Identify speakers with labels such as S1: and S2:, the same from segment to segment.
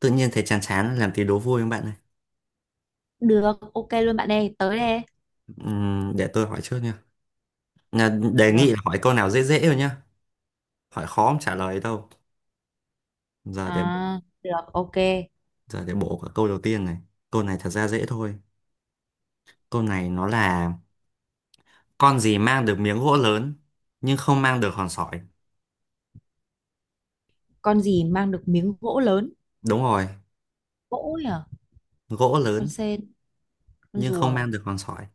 S1: Tự nhiên thấy chán chán làm tí đố vui không bạn ơi.
S2: Được, ok luôn bạn ơi, tới đây.
S1: Để tôi hỏi trước nha. Nhà- Đề nghị
S2: Được,
S1: là hỏi câu nào dễ dễ thôi nhá. Hỏi khó không trả lời đâu. Giờ để
S2: à, được, ok.
S1: giờ để bổ cả câu đầu tiên này. Câu này thật ra dễ thôi. Câu này nó là con gì mang được miếng gỗ lớn nhưng không mang được hòn sỏi.
S2: Con gì mang được miếng gỗ lớn?
S1: Đúng rồi,
S2: Gỗ nhỉ?
S1: gỗ
S2: Con
S1: lớn
S2: sên, con
S1: nhưng không
S2: rùa,
S1: mang được hòn sỏi.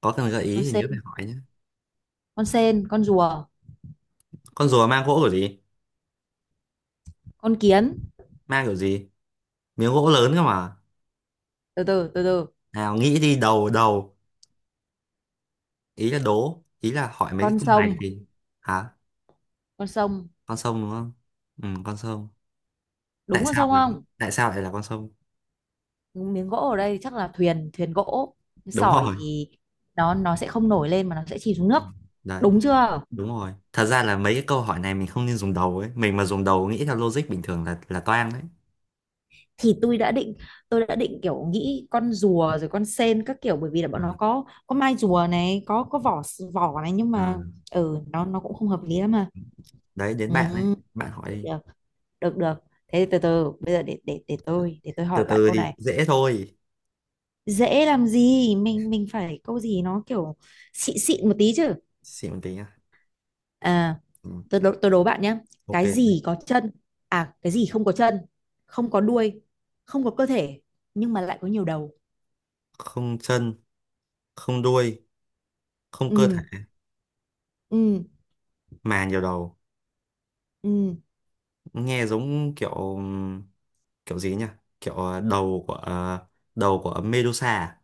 S1: Có cần gợi ý
S2: con
S1: thì nhớ phải
S2: sên,
S1: hỏi nhé.
S2: con sên, con rùa,
S1: Con rùa mang gỗ kiểu gì?
S2: con kiến.
S1: Mang kiểu gì? Miếng gỗ lớn cơ mà.
S2: Từ từ, từ từ.
S1: Nào nghĩ đi đầu đầu. Ý là đố, ý là hỏi mấy cái
S2: Con
S1: câu này
S2: sông,
S1: thì hả?
S2: con sông.
S1: Con sông đúng không, ừ, con sông.
S2: Đúng
S1: tại
S2: con
S1: sao
S2: sông
S1: là,
S2: không?
S1: Tại sao lại là con sông?
S2: Miếng gỗ ở đây chắc là thuyền, thuyền gỗ.
S1: Đúng
S2: Sỏi
S1: rồi,
S2: thì nó sẽ không nổi lên mà nó sẽ chìm xuống
S1: ừ,
S2: nước.
S1: đấy,
S2: Đúng chưa?
S1: đúng rồi. Thật ra là mấy cái câu hỏi này mình không nên dùng đầu ấy, mình mà dùng đầu nghĩ theo logic bình thường là toang đấy.
S2: Thì tôi đã định kiểu nghĩ con rùa rồi con sên các kiểu, bởi vì là
S1: Ừ.
S2: bọn nó có mai rùa này, có vỏ vỏ này, nhưng
S1: Ừ.
S2: mà ừ nó cũng không hợp lý lắm mà.
S1: Đấy, đến
S2: Ừ,
S1: bạn ấy, bạn hỏi đi.
S2: được được được thế từ từ, bây giờ để tôi
S1: Từ
S2: hỏi bạn
S1: từ
S2: câu
S1: thì
S2: này.
S1: dễ thôi.
S2: Dễ làm gì, mình phải câu gì nó kiểu xịn xịn một tí chứ.
S1: Xịn một tí nhá.
S2: À,
S1: Ừ.
S2: tôi đố bạn nhé.
S1: Ok.
S2: Cái gì có chân, à cái gì không có chân, không có đuôi, không có cơ thể, nhưng mà lại có nhiều đầu.
S1: Không chân, không đuôi, không cơ
S2: Ừ.
S1: thể
S2: Ừ.
S1: mà nhiều đầu.
S2: Ừ,
S1: Nghe giống kiểu, kiểu gì nhỉ, kiểu đầu của Medusa à?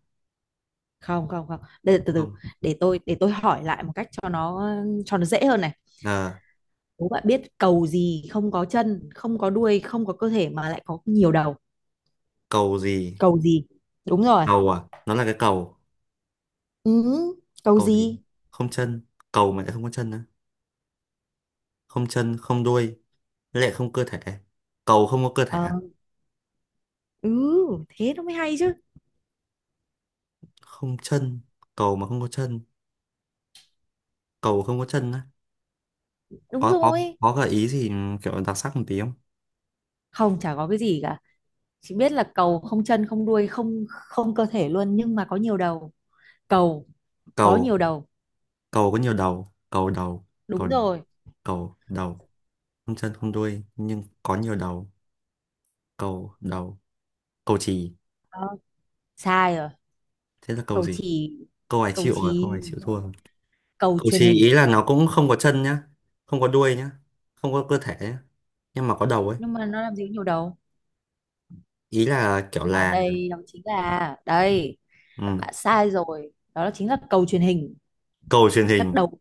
S2: không không không, để từ từ,
S1: Không.
S2: để tôi hỏi lại một cách cho nó dễ hơn này.
S1: Ờ,
S2: Đố bạn biết cầu gì không có chân, không có đuôi, không có cơ thể, mà lại có nhiều đầu.
S1: cầu gì?
S2: Cầu gì? Đúng rồi.
S1: Cầu à? Nó là cái cầu.
S2: Ừ, cầu
S1: Cầu gì?
S2: gì.
S1: Không chân? Cầu mà lại không có chân nữa? Không chân, không đuôi, với lại không cơ thể? Cầu không có cơ thể
S2: Ờ,
S1: à?
S2: ừ thế nó mới hay chứ.
S1: Không chân, cầu mà không có chân, cầu không có chân á?
S2: Đúng
S1: có có
S2: rồi.
S1: có gợi ý gì ừ, kiểu đặc sắc một tí không?
S2: Không, chả có cái gì cả, chỉ biết là cầu không chân, không đuôi, không không cơ thể luôn, nhưng mà có nhiều đầu. Cầu có
S1: cầu
S2: nhiều đầu.
S1: cầu có nhiều đầu. Cầu đầu.
S2: Đúng
S1: Cầu đầu.
S2: rồi.
S1: Cầu đầu không chân không đuôi nhưng có nhiều đầu. Cầu đầu. Cầu chì.
S2: Ờ, sai rồi.
S1: Thế là cầu
S2: Cầu
S1: gì?
S2: chì. Cầu
S1: Câu
S2: chì.
S1: này chịu thua rồi.
S2: Cầu
S1: Cậu
S2: truyền
S1: chì
S2: hình.
S1: ý là nó cũng không có chân nhá, không có đuôi nhá, không có cơ thể nhá, nhưng mà có đầu ấy.
S2: Nhưng mà nó làm gì có nhiều đầu.
S1: Ý là kiểu
S2: Và
S1: là
S2: đây, nó chính là đây,
S1: ừ,
S2: bạn sai rồi, đó là chính là cầu truyền hình.
S1: cầu truyền
S2: Các
S1: hình,
S2: đầu,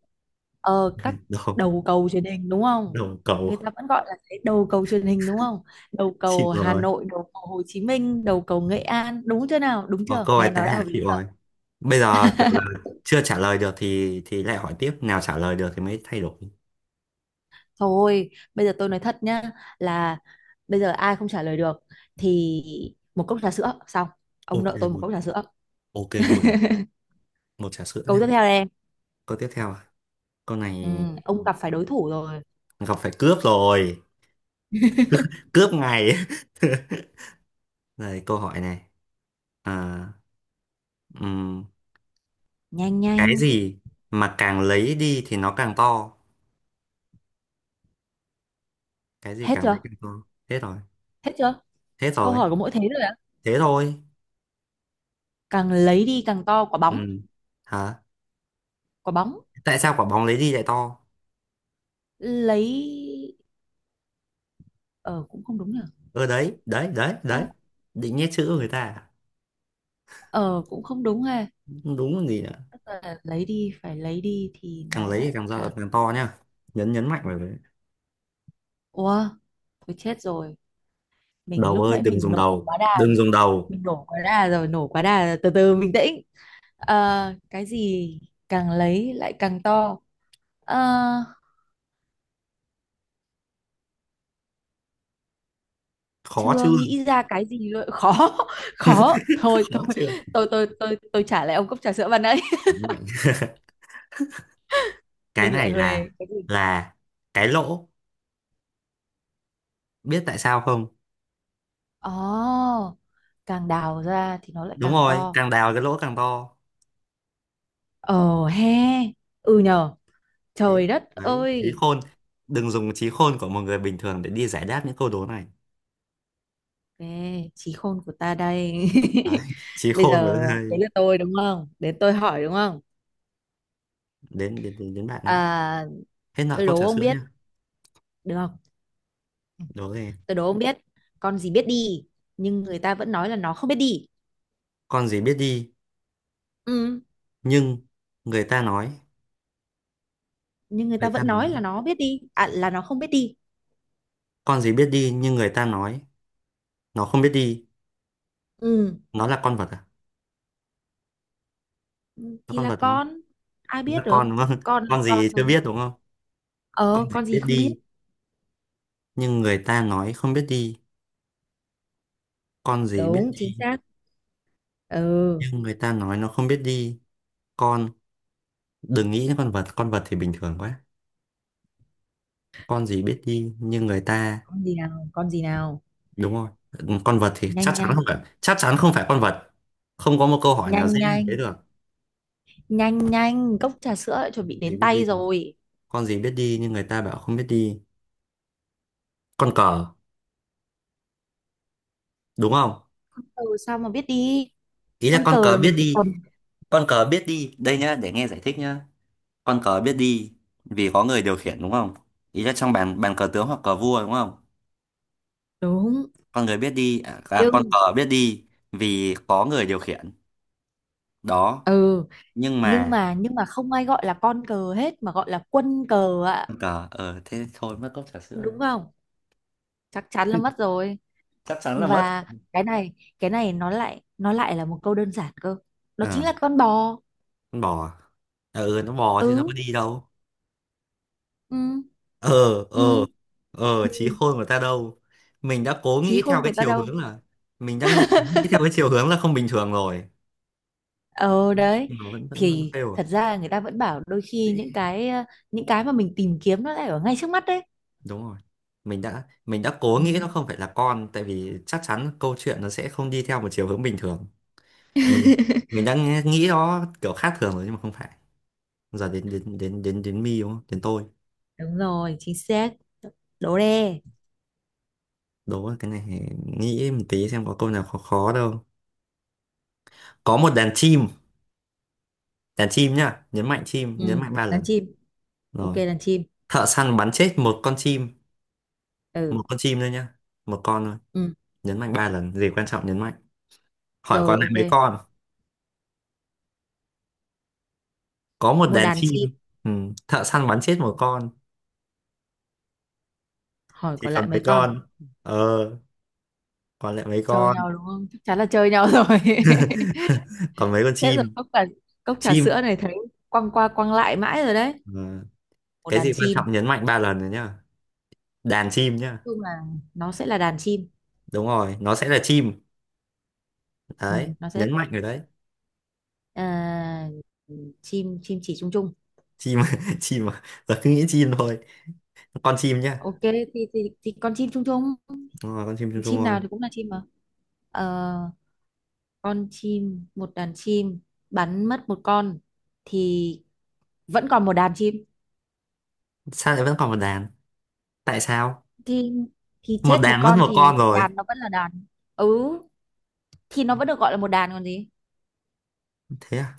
S2: ờ các
S1: đầu,
S2: đầu cầu truyền hình đúng không,
S1: đầu cầu,
S2: người ta vẫn gọi là cái đầu cầu truyền hình đúng không. Đầu
S1: chịu
S2: cầu Hà
S1: rồi.
S2: Nội, đầu cầu Hồ Chí Minh, đầu cầu Nghệ An, đúng chưa nào, đúng
S1: Ờ,
S2: chưa,
S1: câu này
S2: nghe
S1: tại
S2: nó đã
S1: hạ
S2: hợp lý
S1: chịu
S2: chưa?
S1: rồi. Bây giờ kiểu là chưa trả lời được thì lại hỏi tiếp, nào trả lời được thì mới thay đổi.
S2: Thôi, bây giờ tôi nói thật nhá, là bây giờ ai không trả lời được thì một cốc trà sữa. Xong, ông
S1: Ok
S2: nợ tôi một cốc
S1: luôn,
S2: trà sữa.
S1: ok luôn. Một trà sữa
S2: Câu
S1: nhá.
S2: tiếp theo đây em.
S1: Câu tiếp theo à? Câu
S2: Ừ,
S1: này
S2: ông gặp phải đối thủ rồi.
S1: gặp phải cướp rồi, cướp ngày. Này câu hỏi này. À, ừ.
S2: Nhanh nhanh.
S1: Cái gì mà càng lấy đi thì nó càng to? Cái gì
S2: Hết
S1: càng lấy
S2: chưa?
S1: càng to? Thế rồi.
S2: Hết chưa?
S1: Thế
S2: Câu
S1: rồi.
S2: hỏi có mỗi thế thôi ạ.
S1: Thế thôi.
S2: Càng lấy đi càng to. Quả
S1: Ừ.
S2: bóng.
S1: Hả?
S2: Quả bóng.
S1: Tại sao quả bóng lấy đi lại to?
S2: Lấy, ờ cũng không đúng nhỉ.
S1: Ơ, đấy đấy đấy
S2: Ờ.
S1: đấy, định nhét chữ người ta à?
S2: Ờ, cũng không đúng ha.
S1: Đúng còn gì nữa.
S2: Tức là lấy đi, phải lấy đi thì
S1: Càng
S2: nó
S1: lấy thì
S2: lại
S1: càng to
S2: càng.
S1: càng to nhá, nhấn nhấn mạnh vào đấy.
S2: Ủa, thôi chết rồi, mình
S1: Đầu
S2: lúc
S1: ơi,
S2: nãy
S1: đừng
S2: mình
S1: dùng
S2: nổ
S1: đầu,
S2: quá đà.
S1: đừng dùng đầu.
S2: Mình nổ quá đà rồi, nổ quá đà, từ từ bình tĩnh. Ờ, cái gì càng lấy lại càng to. Ờ,
S1: Khó chưa?
S2: chưa nghĩ ra cái gì luôn, khó. Khó, thôi
S1: Khó
S2: thôi,
S1: chưa?
S2: tôi trả lại ông cốc trà sữa ban nãy.
S1: Nhấn mạnh. Cái
S2: Mình lại
S1: này là
S2: huề. Cái gì?
S1: là cái lỗ. Biết tại sao không?
S2: Oh, càng đào ra thì nó lại
S1: Đúng
S2: càng
S1: rồi,
S2: to.
S1: càng đào cái lỗ càng to.
S2: Ồ he, ừ nhờ,
S1: Thế,
S2: trời đất
S1: đấy, trí
S2: ơi.
S1: khôn, đừng dùng trí khôn của một người bình thường để đi giải đáp những câu đố này
S2: Ê, trí khôn của ta đây.
S1: đấy. Trí
S2: Bây
S1: khôn và
S2: giờ, đấy
S1: đây.
S2: là tôi đúng không, đến tôi hỏi đúng không.
S1: Đến bạn đấy.
S2: À,
S1: Hết nợ
S2: tôi
S1: câu
S2: đố
S1: trà
S2: ông
S1: sữa
S2: biết,
S1: nhá.
S2: được không? Ừ,
S1: Đố rồi.
S2: tôi đố ông biết. Con gì biết đi nhưng người ta vẫn nói là nó không biết đi.
S1: Con gì biết đi
S2: Ừ.
S1: nhưng người ta nói
S2: Nhưng người ta
S1: người ta
S2: vẫn
S1: nói
S2: nói là nó biết đi, à, là nó không biết đi.
S1: con gì biết đi nhưng người ta nói nó không biết đi.
S2: Ừ.
S1: Nó là con vật à?
S2: Ừ,
S1: Nó
S2: thì
S1: con
S2: là
S1: vật đúng không?
S2: con. Ai
S1: Nó
S2: biết
S1: là con
S2: được.
S1: đúng không?
S2: Con là
S1: Con
S2: con
S1: gì chưa
S2: thôi.
S1: biết đúng không?
S2: Ờ,
S1: Con gì
S2: con gì
S1: biết
S2: không biết.
S1: đi nhưng người ta nói không biết đi? Con gì biết
S2: Đúng chính
S1: đi
S2: xác. Ừ.
S1: nhưng người ta nói nó không biết đi? Con, đừng nghĩ đến con vật, con vật thì bình thường quá. Con gì biết đi như người ta?
S2: Con gì nào, con gì nào.
S1: Đúng rồi. Con vật thì
S2: Nhanh
S1: chắc chắn
S2: nhanh.
S1: không phải, chắc chắn không phải con vật. Không có một câu hỏi nào
S2: Nhanh
S1: dễ như
S2: nhanh,
S1: thế được.
S2: nhanh nhanh, cốc trà sữa đã chuẩn bị
S1: Gì
S2: đến
S1: biết
S2: tay
S1: đi?
S2: rồi.
S1: Con gì biết đi nhưng người ta bảo không biết đi? Con cờ đúng không?
S2: Con cờ sao mà biết đi.
S1: Ý là
S2: Con
S1: con
S2: cờ
S1: cờ
S2: là
S1: biết
S2: mình phải
S1: đi.
S2: cầm.
S1: Con cờ biết đi đây nhá, để nghe giải thích nhá. Con cờ biết đi vì có người điều khiển đúng không? Ý là trong bàn bàn cờ tướng hoặc cờ vua đúng không?
S2: Đúng.
S1: Con người biết đi à, à, con cờ
S2: Nhưng.
S1: biết đi vì có người điều khiển. Đó.
S2: Ừ.
S1: Nhưng
S2: Nhưng
S1: mà
S2: mà, nhưng mà không ai gọi là con cờ hết, mà gọi là quân cờ ạ.
S1: cờ thế thôi, mất cốc trà sữa đấy.
S2: Đúng không? Chắc chắn là mất rồi.
S1: Chắc chắn là mất.
S2: Và cái này cái này nó lại là một câu đơn giản cơ. Nó
S1: Ờ,
S2: chính là con bò.
S1: con bò à? Ờ, ừ, nó bò
S2: Ừ.
S1: chứ nó có đi đâu.
S2: Ừ.
S1: ờ
S2: Ừ.
S1: ờ
S2: Ừ,
S1: Trí khôn của ta đâu? Mình đã cố
S2: trí
S1: nghĩ theo
S2: khôn
S1: cái
S2: của ta
S1: chiều
S2: đâu.
S1: hướng là mình đang nghĩ theo cái chiều hướng là không bình thường rồi,
S2: Ờ đấy.
S1: nhưng mà vẫn vẫn vẫn
S2: Thì
S1: fail à.
S2: thật ra người ta vẫn bảo đôi khi những cái mà mình tìm kiếm nó lại ở ngay trước mắt đấy.
S1: Đúng rồi, mình đã cố nghĩ nó
S2: Ừ,
S1: không phải là con, tại vì chắc chắn câu chuyện nó sẽ không đi theo một chiều hướng bình thường. Mình mình đang nghĩ nó kiểu khác thường rồi nhưng mà không phải. Giờ đến đến đến đến đến mi đúng không, đến tôi.
S2: đúng rồi, chính xác. Đố đe.
S1: Đố cái này thì nghĩ một tí xem có câu nào khó khó đâu. Có một đàn chim nhá, nhấn mạnh chim,
S2: Ừ,
S1: nhấn mạnh ba
S2: đàn
S1: lần.
S2: chim. Ok,
S1: Rồi.
S2: đàn chim.
S1: Thợ săn bắn chết
S2: Ừ.
S1: một con chim thôi nhá, một con thôi.
S2: Ừ.
S1: Nhấn mạnh ba lần, gì quan trọng nhấn mạnh. Hỏi
S2: Rồi,
S1: còn lại
S2: ok.
S1: mấy con? Có một
S2: Có một
S1: đàn
S2: đàn
S1: chim,
S2: chim.
S1: ừ. Thợ săn bắn chết một con,
S2: Hỏi
S1: thì
S2: còn lại
S1: còn
S2: mấy
S1: mấy
S2: con.
S1: con? Ờ, còn lại mấy
S2: Chơi
S1: con?
S2: nhau đúng không, chắc chắn là chơi nhau rồi.
S1: Còn mấy con
S2: Thế rồi,
S1: chim?
S2: cốc trà
S1: Chim.
S2: sữa này thấy quăng qua quăng lại mãi rồi đấy.
S1: Ờ,
S2: Một
S1: cái
S2: đàn
S1: gì quan
S2: chim. Nói
S1: trọng nhấn mạnh ba lần rồi nhá. Đàn chim nhá.
S2: chung là nó sẽ là đàn chim.
S1: Đúng rồi, nó sẽ là chim.
S2: Ừ,
S1: Đấy,
S2: nó sẽ là
S1: nhấn mạnh
S2: chim.
S1: rồi đấy.
S2: À, chim, chim chỉ chung chung.
S1: Chim. Chim à? Giờ cứ nghĩ chim thôi, con chim nhá.
S2: Ok, thì con chim chung chung.
S1: Đúng rồi, con chim chung chung
S2: Chim
S1: rồi.
S2: nào thì cũng là chim mà. Ờ, con chim, một đàn chim bắn mất một con thì vẫn còn một đàn chim.
S1: Sao lại vẫn còn một đàn? Tại sao?
S2: thì thì
S1: Một
S2: chết một
S1: đàn mất
S2: con
S1: một
S2: thì
S1: con rồi.
S2: đàn nó vẫn là đàn. Ừ, thì nó vẫn được gọi là một đàn còn gì.
S1: Thế à?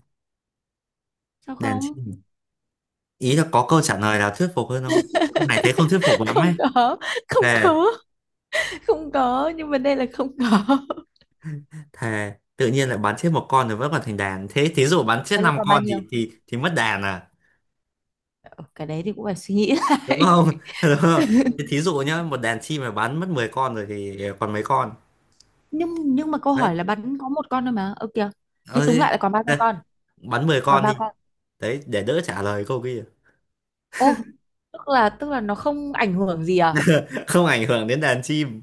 S2: Sao
S1: Đàn
S2: không.
S1: chim, ý là có câu trả lời nào thuyết phục hơn không? Ông này thế không thuyết phục lắm
S2: Không
S1: ấy.
S2: có, không
S1: Thề.
S2: có. Không có, nhưng vấn đề là không có.
S1: Thề, tự nhiên lại bắn chết một con rồi vẫn còn thành đàn, thế thí dụ bắn chết
S2: Thế là
S1: năm
S2: còn bao
S1: con
S2: nhiêu?
S1: thì mất đàn à?
S2: Ờ, cái đấy thì cũng phải suy nghĩ
S1: Đúng
S2: lại.
S1: không? Đúng không? Thế thí dụ nhá, một đàn chim mà bắn mất 10 con rồi thì còn mấy con?
S2: Nhưng mà câu
S1: Đấy.
S2: hỏi là bắn có một con thôi mà. Ơ kìa. Thế
S1: Ờ,
S2: túm
S1: Thế,
S2: lại là còn ba con
S1: thế,
S2: con?
S1: bắn 10
S2: Còn
S1: con đi,
S2: ba con.
S1: đấy, để đỡ trả lời câu kia.
S2: Ô, tức là nó không ảnh hưởng gì à?
S1: Không ảnh hưởng đến đàn chim.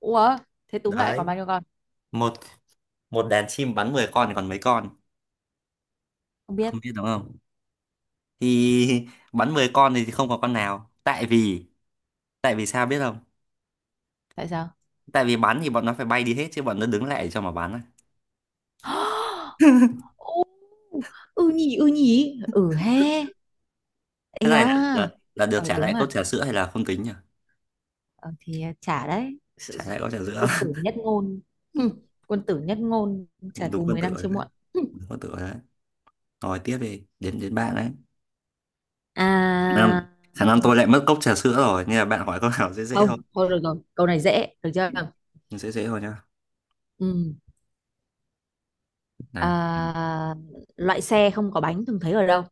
S2: Ủa, thế túm lại còn
S1: Đấy,
S2: bao nhiêu con?
S1: một một đàn chim bắn 10 con thì còn mấy con?
S2: Không biết.
S1: Không biết đúng không? Thì bắn 10 con thì không có con nào, tại vì, tại vì sao biết không?
S2: Tại sao?
S1: Tại vì bắn thì bọn nó phải bay đi hết chứ bọn nó đứng lại cho mà bắn á.
S2: Ừ nhỉ, ừ nhỉ, ừ he. Ê
S1: Thế này là, là
S2: da.
S1: là
S2: Ờ
S1: được trả
S2: đúng
S1: lại cốc
S2: à.
S1: trà sữa hay là không tính nhỉ?
S2: Ờ, thì à, trả đấy. Sự-
S1: Trả lại cốc trà sữa.
S2: quân tử nhất ngôn. Hừ, quân tử nhất ngôn. Trả
S1: Đúng
S2: thù
S1: con
S2: 10
S1: tử
S2: năm
S1: rồi
S2: chưa
S1: đấy.
S2: muộn. Hừ.
S1: Đúng con tử rồi đấy. Rồi tiếp đi, đến đến bạn đấy.
S2: À,
S1: Khả năng khả năng tôi lại mất cốc trà sữa rồi nên là bạn hỏi câu nào dễ dễ
S2: không
S1: thôi.
S2: thôi, được rồi, câu này dễ được chưa.
S1: Dễ dễ thôi nhá.
S2: Ừ.
S1: Nào.
S2: À, loại xe không có bánh thường thấy ở đâu.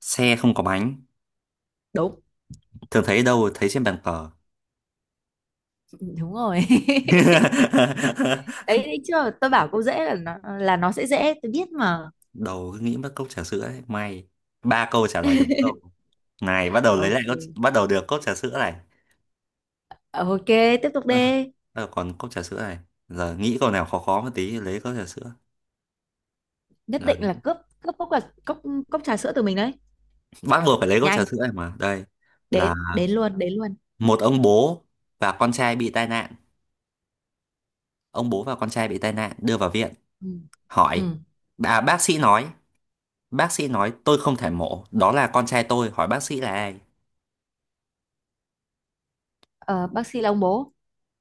S1: Xe không có bánh
S2: Đúng.
S1: thường thấy đâu? Thấy trên bàn cờ.
S2: Ừ, đúng rồi. Đấy, đấy chưa, tôi bảo câu dễ là nó sẽ dễ, tôi biết mà.
S1: Đầu cứ nghĩ mất cốc trà sữa ấy, may ba câu trả lời đúng, câu này bắt đầu lấy lại
S2: Ok,
S1: cốc, bắt đầu được cốc trà sữa này.
S2: ok, tiếp tục đi.
S1: À, còn cốc trà sữa này, giờ nghĩ câu nào khó khó một tí lấy cốc trà sữa.
S2: Nhất
S1: Đấy.
S2: định là cướp. Cướp cốc là cốc cốc trà sữa từ mình đấy.
S1: Bắt buộc phải lấy cốc trà
S2: Nhanh.
S1: sữa này mà đây, là
S2: Đến đến luôn, đến luôn.
S1: một ông bố và con trai bị tai nạn, ông bố và con trai bị tai nạn đưa vào viện.
S2: Ừ. Ừ.
S1: Hỏi, à, bác sĩ nói tôi không thể mổ đó là con trai tôi, hỏi bác sĩ là ai.
S2: Ờ, bác sĩ là ông bố.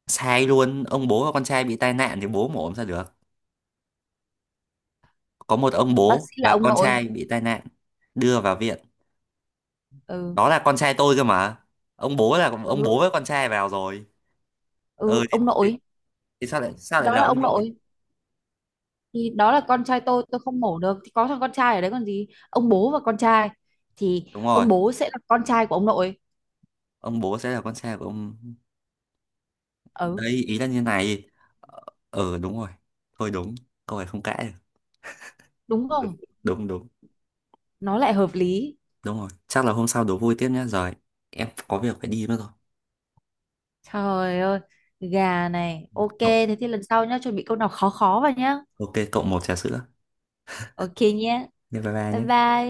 S1: Sai luôn, ông bố và con trai bị tai nạn thì bố mà ốm ra được, có một ông
S2: Bác
S1: bố
S2: sĩ là
S1: và
S2: ông
S1: con trai
S2: nội.
S1: bị tai nạn đưa vào viện,
S2: Ừ.
S1: đó là con trai tôi cơ mà, ông bố là ông
S2: Ừ,
S1: bố với con trai vào rồi. Ừ
S2: ừ
S1: thì,
S2: ông
S1: thì,
S2: nội.
S1: thì sao lại sao
S2: Thì
S1: lại
S2: đó
S1: là
S2: là
S1: ông
S2: ông
S1: nội.
S2: nội. Thì đó là con trai tôi không mổ được thì có thằng con trai ở đấy còn gì, ông bố và con trai. Thì
S1: Đúng rồi,
S2: ông bố sẽ là con trai của ông nội.
S1: ông bố sẽ là con trai của ông.
S2: Ừ.
S1: Đấy, ý là như này. Ờ. Ừ, đúng rồi. Thôi đúng, câu này không cãi
S2: Đúng
S1: được.
S2: không?
S1: Đúng, đúng, đúng.
S2: Nó lại hợp lý.
S1: Đúng rồi, chắc là hôm sau đố vui tiếp nhé. Rồi, em có việc phải đi mất rồi.
S2: Trời ơi, gà này. Ok,
S1: Cậu-
S2: thế thì lần sau nhá, chuẩn bị câu nào khó khó vào nhá.
S1: ok, cậu một trà sữa.
S2: Ok nhé.
S1: Bye bye bye
S2: Bye
S1: nhé.
S2: bye.